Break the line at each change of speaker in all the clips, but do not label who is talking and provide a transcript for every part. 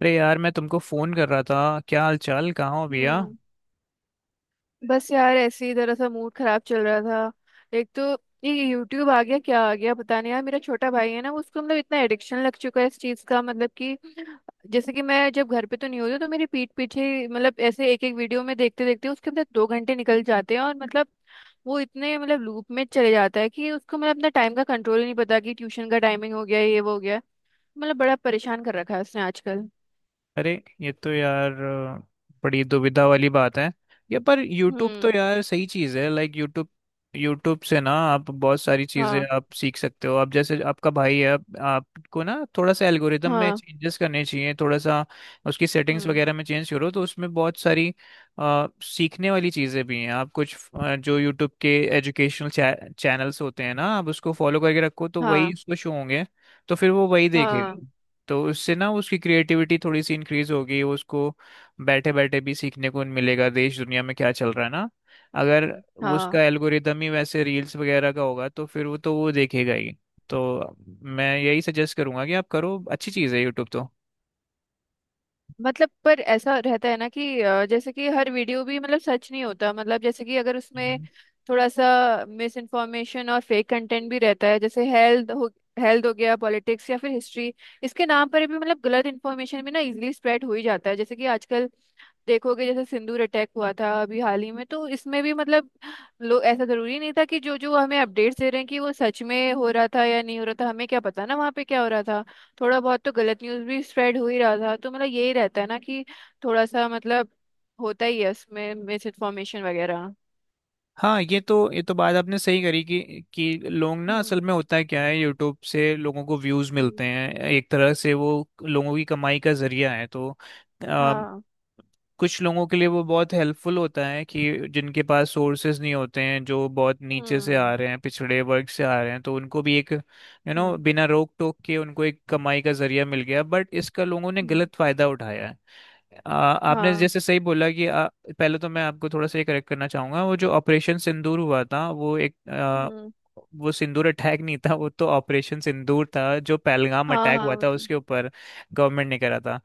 अरे यार, मैं तुमको फोन कर रहा था। क्या हाल चाल, कहाँ हो भैया?
हम्म। बस यार ऐसे ही जरा सा मूड खराब चल रहा था। एक तो ये यूट्यूब आ गया, क्या आ गया पता नहीं यार। मेरा छोटा भाई है ना, उसको मतलब इतना एडिक्शन लग चुका है इस चीज का, मतलब कि जैसे कि मैं जब घर पे तो नहीं होती हूँ, तो मेरे पीठ पीछे मतलब ऐसे एक एक वीडियो में देखते देखते उसके अंदर दो घंटे निकल जाते हैं। और मतलब वो इतने मतलब लूप में चले जाता है कि उसको मतलब अपना टाइम का कंट्रोल ही नहीं, पता कि ट्यूशन का टाइमिंग हो गया, ये वो हो गया। मतलब बड़ा परेशान कर रखा है उसने आजकल।
अरे ये तो यार बड़ी दुविधा वाली बात है। ये पर YouTube तो
हम्म।
यार सही चीज़ है, लाइक YouTube। YouTube से ना आप बहुत सारी चीज़ें
हाँ।
आप सीख सकते हो। आप जैसे आपका भाई है, आपको ना थोड़ा सा एल्गोरिदम में
हाँ।
चेंजेस करने चाहिए। थोड़ा सा उसकी सेटिंग्स
हम्म।
वगैरह में चेंज करो तो उसमें बहुत सारी सीखने वाली चीज़ें भी हैं। आप कुछ जो YouTube के एजुकेशनल चैनल्स होते हैं ना, आप उसको फॉलो करके रखो तो वही
हाँ।
उसको शो होंगे। तो फिर वो वही
हाँ।
देखेगा। तो इससे ना उसकी क्रिएटिविटी थोड़ी सी इंक्रीज होगी, उसको बैठे बैठे भी सीखने को मिलेगा, देश दुनिया में क्या चल रहा है ना। अगर वो
हाँ,
उसका एल्गोरिदम ही वैसे रील्स वगैरह का होगा तो फिर वो तो वो देखेगा ही। तो मैं यही सजेस्ट करूंगा कि आप करो, अच्छी चीज़ है यूट्यूब तो।
मतलब पर ऐसा रहता है ना कि जैसे कि हर वीडियो भी मतलब सच नहीं होता। मतलब जैसे कि अगर उसमें
हम्म।
थोड़ा सा मिस इन्फॉर्मेशन और फेक कंटेंट भी रहता है। जैसे हेल्थ हो, हेल्थ हो गया, पॉलिटिक्स या फिर हिस्ट्री, इसके नाम पर भी मतलब गलत इन्फॉर्मेशन भी ना इजीली स्प्रेड हो ही जाता है। जैसे कि आजकल देखोगे, जैसे सिंदूर अटैक हुआ था अभी हाल ही में, तो इसमें भी मतलब लोग, ऐसा जरूरी नहीं था कि जो जो हमें अपडेट्स दे रहे हैं कि वो सच में हो रहा था या नहीं हो रहा था। हमें क्या पता ना वहाँ पे क्या हो रहा था। थोड़ा बहुत तो गलत न्यूज़ भी स्प्रेड हो ही रहा था। तो मतलब यही रहता है ना कि थोड़ा सा मतलब होता ही है उसमें मिस इन्फॉर्मेशन वगैरह।
हाँ, ये तो बात आपने सही करी कि लोग ना,
हम्म।
असल में होता है क्या है, यूट्यूब से लोगों को व्यूज
हम्म।
मिलते हैं, एक तरह से वो लोगों की कमाई का जरिया है। तो
हाँ।
कुछ लोगों के लिए वो बहुत हेल्पफुल होता है कि जिनके पास सोर्सेज नहीं होते हैं, जो बहुत नीचे से आ
हम्म।
रहे हैं, पिछड़े वर्ग से आ रहे हैं, तो उनको भी एक यू नो
हम्म।
बिना रोक टोक के उनको एक कमाई का जरिया मिल गया। बट इसका लोगों ने
हम्म।
गलत फायदा उठाया है। आपने
हाँ।
जैसे सही बोला कि पहले तो मैं आपको थोड़ा सा ये करेक्ट करना चाहूंगा। वो जो ऑपरेशन सिंदूर हुआ था,
हम्म।
वो सिंदूर अटैक नहीं था, वो तो ऑपरेशन सिंदूर था जो पहलगाम
हाँ।
अटैक
हाँ,
हुआ था
मतलब।
उसके ऊपर गवर्नमेंट ने करा था।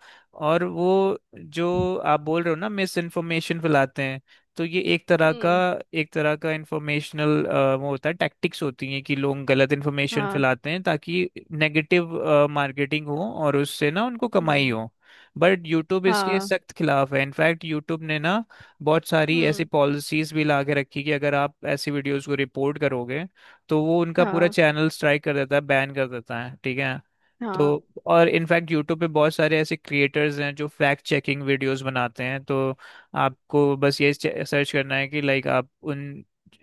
और वो जो आप बोल रहे हो ना मिस इन्फॉर्मेशन फैलाते हैं, तो ये एक तरह का
हम्म।
इंफॉर्मेशनल वो होता है, टैक्टिक्स होती हैं कि लोग गलत इन्फॉर्मेशन
हाँ।
फैलाते हैं ताकि नेगेटिव मार्केटिंग हो और उससे ना उनको कमाई
हम्म।
हो। बट यूट्यूब इसके
हाँ।
सख्त खिलाफ है। इनफैक्ट यूट्यूब ने ना बहुत सारी ऐसी
हम्म।
पॉलिसीज भी ला के रखी कि अगर आप ऐसी वीडियोस को रिपोर्ट करोगे तो वो उनका पूरा
हाँ।
चैनल स्ट्राइक कर देता है, बैन कर देता है, ठीक है।
हाँ।
तो और इनफैक्ट यूट्यूब पे बहुत सारे ऐसे क्रिएटर्स हैं जो फैक्ट चेकिंग वीडियोस बनाते हैं। तो आपको बस ये सर्च करना है कि लाइक आप उन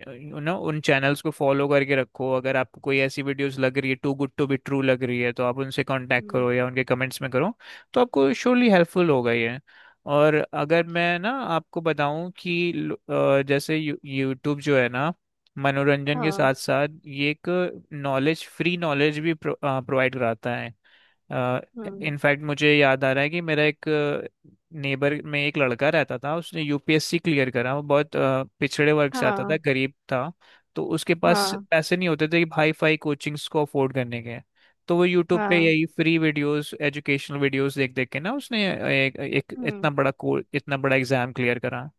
यू नो उन चैनल्स को फॉलो करके रखो। अगर आपको कोई ऐसी वीडियोस लग रही है, too good to be true लग रही है, तो आप उनसे कांटेक्ट
हम्म।
करो या उनके कमेंट्स में करो। तो आपको श्योरली हेल्पफुल होगा ये। और अगर मैं ना आपको बताऊं कि जैसे यूट्यूब जो है ना, मनोरंजन के
हाँ।
साथ साथ ये एक नॉलेज फ्री नॉलेज भी प्रोवाइड कराता है।
हम्म।
इनफैक्ट मुझे याद आ रहा है कि मेरा एक नेबर में एक लड़का रहता था, उसने यूपीएससी क्लियर करा। वो बहुत पिछड़े वर्ग से आता था,
हाँ।
गरीब था। तो उसके पास
हाँ।
पैसे नहीं होते थे कि हाई फाई कोचिंग्स को अफोर्ड करने के। तो वो यूट्यूब पे
हाँ।
यही फ्री वीडियोस, एजुकेशनल वीडियोस देख देख के ना उसने एक
हम्म।
इतना बड़ा एग्जाम क्लियर करा।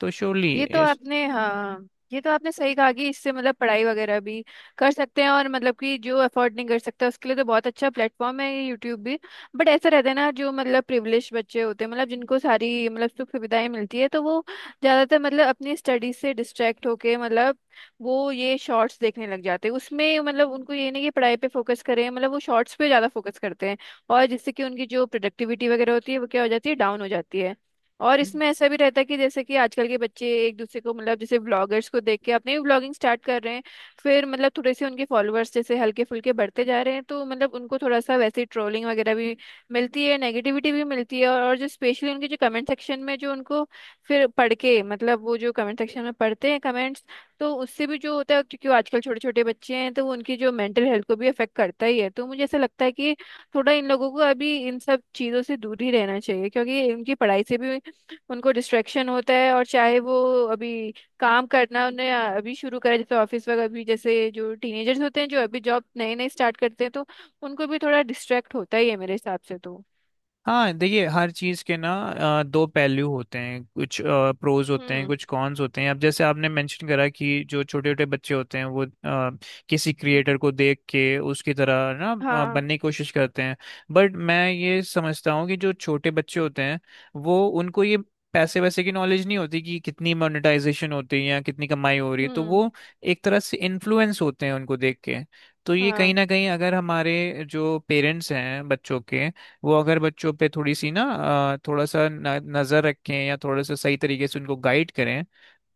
तो श्योरली,
ये तो आपने, हाँ, ये तो आपने सही कहा कि इससे मतलब पढ़ाई वगैरह भी कर सकते हैं, और मतलब कि जो अफोर्ड नहीं कर सकता उसके लिए तो बहुत अच्छा प्लेटफॉर्म है ये यूट्यूब भी। बट ऐसा रहता है ना, जो मतलब प्रिविलेज बच्चे होते हैं, मतलब जिनको सारी मतलब सुख सुविधाएं मिलती है, तो वो ज़्यादातर मतलब अपनी स्टडी से डिस्ट्रैक्ट होके मतलब वो ये शॉर्ट्स देखने लग जाते हैं। उसमें मतलब उनको ये नहीं कि पढ़ाई पे फोकस करें, मतलब वो शॉर्ट्स पे ज़्यादा फोकस करते हैं। और जिससे कि उनकी जो प्रोडक्टिविटी वगैरह होती है वो क्या हो जाती है, डाउन हो जाती है। और इसमें ऐसा भी रहता है कि जैसे कि आजकल के बच्चे एक दूसरे को मतलब जैसे व्लॉगर्स को देख के अपने भी व्लॉगिंग स्टार्ट कर रहे हैं। फिर मतलब थोड़े से उनके फॉलोअर्स जैसे हल्के फुल्के बढ़ते जा रहे हैं, तो मतलब उनको थोड़ा सा वैसे ट्रोलिंग वगैरह भी मिलती है, नेगेटिविटी भी मिलती है। और जो स्पेशली उनके जो कमेंट सेक्शन में जो उनको फिर पढ़ के, मतलब वो जो कमेंट सेक्शन में पढ़ते हैं कमेंट्स, तो उससे भी जो होता है, क्योंकि वो आजकल छोटे छोटे बच्चे हैं, तो वो उनकी जो मेंटल हेल्थ को भी अफेक्ट करता ही है। तो मुझे ऐसा लगता है कि थोड़ा इन लोगों को अभी इन सब चीज़ों से दूर ही रहना चाहिए, क्योंकि इनकी पढ़ाई से भी उनको डिस्ट्रैक्शन होता है। और चाहे वो अभी काम करना उन्हें अभी शुरू करें, जैसे ऑफिस वगैरह, अभी जैसे जो टीनेजर्स होते हैं जो अभी जॉब नए नए स्टार्ट करते हैं, तो उनको भी थोड़ा डिस्ट्रैक्ट होता ही है मेरे हिसाब से तो।
हाँ देखिए, हर चीज़ के ना दो पहलू होते हैं, कुछ प्रोज होते हैं,
हम्म।
कुछ कॉन्स होते हैं। अब जैसे आपने मेंशन करा कि जो छोटे छोटे बच्चे होते हैं वो किसी
हम्म।
क्रिएटर को देख के उसकी तरह ना
हाँ।
बनने की कोशिश करते हैं। बट मैं ये समझता हूँ कि जो छोटे बच्चे होते हैं, वो उनको ये पैसे वैसे की नॉलेज नहीं होती कि कितनी मोनेटाइजेशन होती है या कितनी कमाई हो रही है, तो
हम्म।
वो एक तरह से इन्फ्लुएंस होते हैं उनको देख के। तो ये कहीं
हाँ।
ना कहीं, अगर हमारे जो पेरेंट्स हैं बच्चों के, वो अगर बच्चों पे थोड़ी सी ना थोड़ा सा नजर रखें या थोड़ा सा सही तरीके से उनको गाइड करें,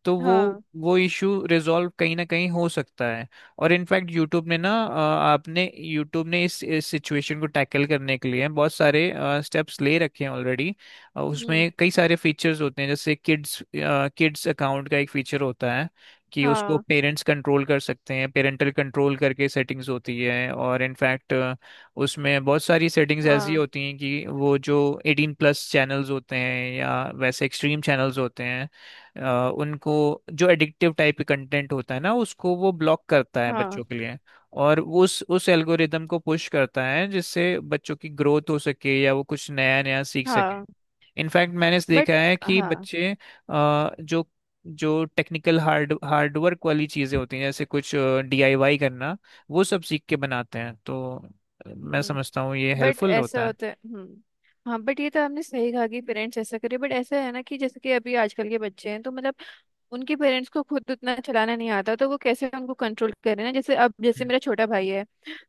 तो वो
हाँ।
इशू रिजॉल्व कहीं ना कहीं हो सकता है। और इनफैक्ट यूट्यूब ने ना अ, आपने यूट्यूब ने इस सिचुएशन को टैकल करने के लिए बहुत सारे स्टेप्स ले रखे हैं ऑलरेडी।
हम्म।
उसमें कई सारे फीचर्स होते हैं, जैसे किड्स किड्स अकाउंट का एक फीचर होता है कि उसको
हाँ।
पेरेंट्स कंट्रोल कर सकते हैं, पेरेंटल कंट्रोल करके सेटिंग्स होती है। और इनफैक्ट उसमें बहुत सारी सेटिंग्स ऐसी
हाँ।
होती हैं कि वो जो एटीन प्लस चैनल्स होते हैं या वैसे एक्सट्रीम चैनल्स होते हैं, उनको, जो एडिक्टिव टाइप के कंटेंट होता है ना, उसको वो ब्लॉक करता है
हाँ।
बच्चों के लिए। और वो उस एल्गोरिदम को पुश करता है जिससे बच्चों की ग्रोथ हो सके या वो कुछ नया नया सीख सके।
हाँ।
इनफैक्ट मैंने इस
बट।
देखा है कि
हाँ।
बच्चे जो जो टेक्निकल हार्डवर्क वाली चीज़ें होती हैं, जैसे कुछ डीआईवाई करना, वो सब सीख के बनाते हैं। तो मैं
हम्म।
समझता हूँ ये
बट
हेल्पफुल
ऐसा
होता है।
होता है। हम्म। हाँ, बट ये तो आपने सही कहा कि पेरेंट्स ऐसा करें। बट ऐसा है ना कि जैसे कि अभी आजकल के बच्चे हैं तो मतलब उनके पेरेंट्स को खुद उतना चलाना नहीं आता, तो वो कैसे उनको कंट्रोल करें ना। जैसे अब जैसे
हम्म।
मेरा छोटा भाई है,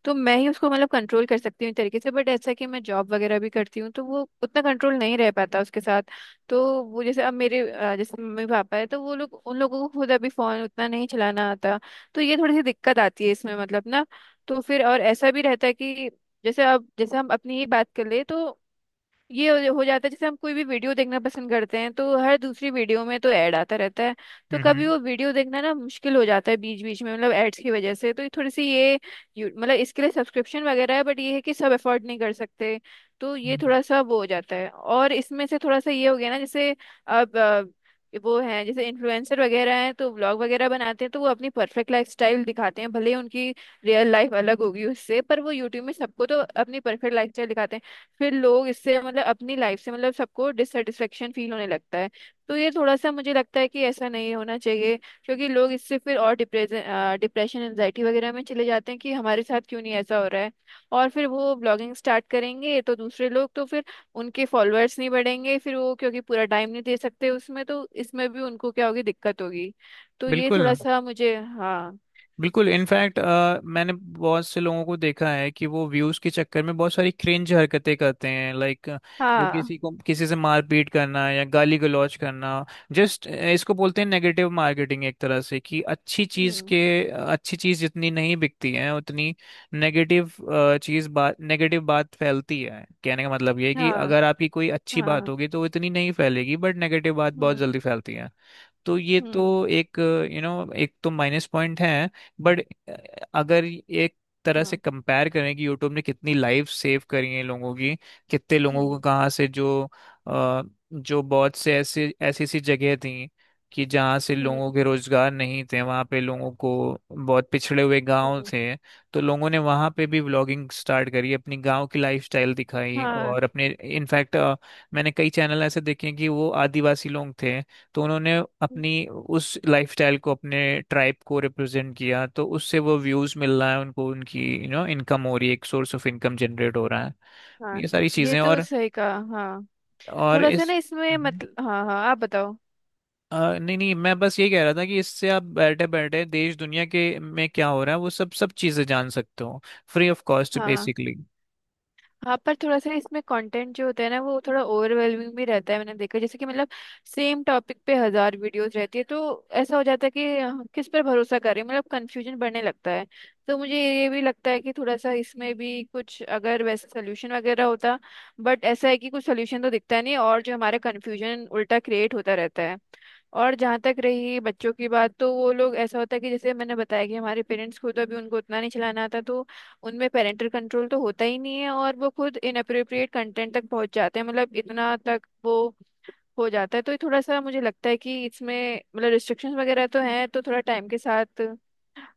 तो मैं ही उसको मतलब कंट्रोल कर सकती हूँ एक तरीके से। बट ऐसा कि मैं जॉब वगैरह भी करती हूँ तो वो उतना कंट्रोल नहीं रह पाता उसके साथ। तो वो जैसे अब मेरे जैसे मम्मी पापा है, तो वो लोग, उन लोगों को खुद अभी फोन उतना नहीं चलाना आता। तो ये थोड़ी सी दिक्कत आती है इसमें मतलब ना। तो फिर और ऐसा भी रहता है कि जैसे अब जैसे हम अपनी ही बात कर ले, तो ये हो जाता है। जैसे हम कोई भी वीडियो देखना पसंद करते हैं, तो हर दूसरी वीडियो में तो ऐड आता रहता है। तो कभी
हम्म।
वो वीडियो देखना ना मुश्किल हो जाता है बीच बीच में, मतलब एड्स की वजह से। तो ये थोड़ी सी ये मतलब इसके लिए सब्सक्रिप्शन वगैरह है, बट ये है कि सब अफोर्ड नहीं कर सकते। तो ये
हम्म।
थोड़ा सा वो हो जाता है। और इसमें से थोड़ा सा ये हो गया ना, जैसे अब वो हैं जैसे इन्फ्लुएंसर वगैरह हैं, तो व्लॉग वगैरह बनाते हैं, तो वो अपनी परफेक्ट लाइफस्टाइल दिखाते हैं। भले ही उनकी रियल लाइफ अलग होगी उससे, पर वो यूट्यूब में सबको तो अपनी परफेक्ट लाइफस्टाइल दिखाते हैं। फिर लोग इससे मतलब अपनी लाइफ से मतलब सबको डिससेटिस्फेक्शन फील होने लगता है। तो ये थोड़ा सा मुझे लगता है कि ऐसा नहीं होना चाहिए, क्योंकि लोग इससे फिर और डिप्रेशन डिप्रेशन एंजाइटी वगैरह में चले जाते हैं कि हमारे साथ क्यों नहीं ऐसा हो रहा है। और फिर वो ब्लॉगिंग स्टार्ट करेंगे तो दूसरे लोग तो फिर उनके फॉलोअर्स नहीं बढ़ेंगे, फिर वो क्योंकि पूरा टाइम नहीं दे सकते उसमें, तो इसमें भी उनको क्या होगी, दिक्कत होगी। तो ये
बिल्कुल।
थोड़ा सा मुझे, हाँ।
बिल्कुल, इनफैक्ट मैंने बहुत से लोगों को देखा है कि वो व्यूज के चक्कर में बहुत सारी क्रिंज हरकतें करते हैं। लाइक वो
हाँ।
किसी को किसी से मारपीट करना या गाली गलौज करना। जस्ट इसको बोलते हैं नेगेटिव मार्केटिंग, एक तरह से कि
हम्म।
अच्छी चीज जितनी नहीं बिकती है उतनी नेगेटिव चीज बात नेगेटिव बात फैलती है। कहने का मतलब ये है कि
हाँ।
अगर आपकी कोई अच्छी बात
हाँ।
होगी तो वो इतनी नहीं फैलेगी, बट नेगेटिव बात बहुत
हम्म।
जल्दी फैलती है। तो ये
हम्म।
तो एक यू नो एक तो माइनस पॉइंट है। बट अगर एक तरह से
हाँ।
कंपेयर करें कि यूट्यूब ने कितनी लाइफ सेव करी है लोगों की, कितने लोगों को
हम्म।
कहाँ से, जो अ, जो बहुत से ऐसी ऐसी ऐसी जगह थी कि जहाँ से
हम्म।
लोगों के रोजगार नहीं थे वहाँ पे लोगों को, बहुत पिछड़े हुए गांव
हम्म।
थे, तो लोगों ने वहाँ पे भी व्लॉगिंग स्टार्ट करी, अपनी गांव की लाइफस्टाइल दिखाई
हाँ।
और अपने, इनफैक्ट मैंने कई चैनल ऐसे देखे हैं कि वो आदिवासी लोग थे। तो उन्होंने अपनी उस लाइफस्टाइल को, अपने ट्राइब को रिप्रेजेंट किया, तो उससे वो व्यूज मिल रहा है उनको, उनकी यू नो इनकम हो रही है, एक सोर्स ऑफ इनकम जनरेट हो रहा है,
हाँ,
ये सारी
ये
चीजें।
तो सही कहा। हाँ,
और
थोड़ा सा
इस
ना इसमें
मम्म।
मतलब, हाँ हाँ आप बताओ।
नहीं नहीं, मैं बस ये कह रहा था कि इससे आप बैठे बैठे देश दुनिया के में क्या हो रहा है वो सब सब चीजें जान सकते हो, फ्री ऑफ कॉस्ट
हाँ।
बेसिकली।
हाँ, पर थोड़ा सा इसमें कंटेंट जो होता है ना वो थोड़ा ओवरवेलमिंग भी रहता है। मैंने देखा जैसे कि मतलब सेम टॉपिक पे हजार वीडियोस रहती है, तो ऐसा हो जाता है कि किस पर भरोसा करें, मतलब कंफ्यूजन बढ़ने लगता है। तो मुझे ये भी लगता है कि थोड़ा सा इसमें भी कुछ अगर वैसे सोल्यूशन वगैरह होता। बट ऐसा है कि कुछ सोल्यूशन तो दिखता नहीं, और जो हमारा कंफ्यूजन उल्टा क्रिएट होता रहता है। और जहाँ तक रही बच्चों की बात, तो वो लोग ऐसा होता है कि जैसे मैंने बताया कि हमारे पेरेंट्स खुद अभी उनको उतना नहीं चलाना आता, तो उनमें पेरेंटल कंट्रोल तो होता ही नहीं है, और वो खुद इनअप्रोप्रिएट कंटेंट तक पहुंच जाते हैं, मतलब इतना तक वो हो जाता है। तो ये थोड़ा सा मुझे लगता है कि इसमें मतलब रिस्ट्रिक्शंस वगैरह तो हैं, तो थोड़ा टाइम के साथ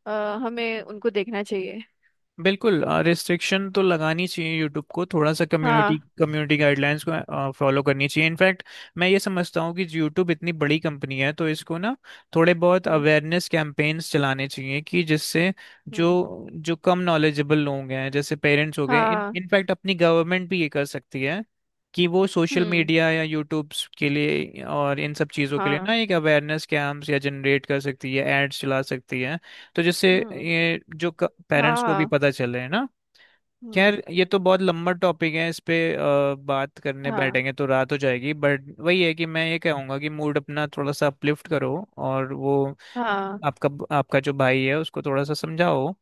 हमें उनको देखना चाहिए।
बिल्कुल, रिस्ट्रिक्शन तो लगानी चाहिए यूट्यूब को, थोड़ा सा कम्युनिटी
हाँ।
कम्युनिटी गाइडलाइंस को फॉलो करनी चाहिए। इनफैक्ट मैं ये समझता हूँ कि यूट्यूब इतनी बड़ी कंपनी है तो इसको ना थोड़े बहुत
हम्म।
अवेयरनेस कैंपेन्स चलाने चाहिए, कि जिससे
हम्म।
जो जो कम नॉलेजेबल लोग हैं जैसे पेरेंट्स हो गए, इन
हाँ।
इनफैक्ट अपनी गवर्नमेंट भी ये कर सकती है कि वो सोशल
हम्म।
मीडिया या यूट्यूब के लिए और इन सब चीज़ों के लिए
हाँ।
ना एक अवेयरनेस कैंप्स या जनरेट कर सकती है, एड्स चला सकती है। तो जैसे
हम्म।
ये जो पेरेंट्स को भी
हाँ।
पता चले है ना।
हम्म।
खैर ये तो बहुत लंबा टॉपिक है, इस पे बात करने
हाँ।
बैठेंगे तो रात हो जाएगी। बट वही है कि मैं ये कहूँगा कि मूड अपना थोड़ा सा अपलिफ्ट करो, और वो
हाँ।
आपका आपका जो भाई है उसको थोड़ा सा समझाओ,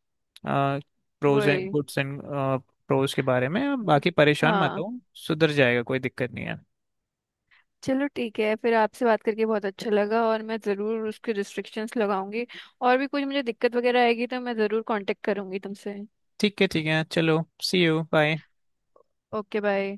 प्रोज एंड
वही।
गुड्स एंड प्रोज के बारे में, बाकी परेशान मत
हाँ।
हो। सुधर जाएगा, कोई दिक्कत नहीं है।
चलो ठीक है, फिर आपसे बात करके बहुत अच्छा लगा और मैं ज़रूर उसके रिस्ट्रिक्शंस लगाऊंगी। और भी कुछ मुझे दिक्कत वगैरह आएगी तो मैं ज़रूर कांटेक्ट करूंगी तुमसे।
ठीक है, ठीक है, चलो, see you bye.
Okay bye.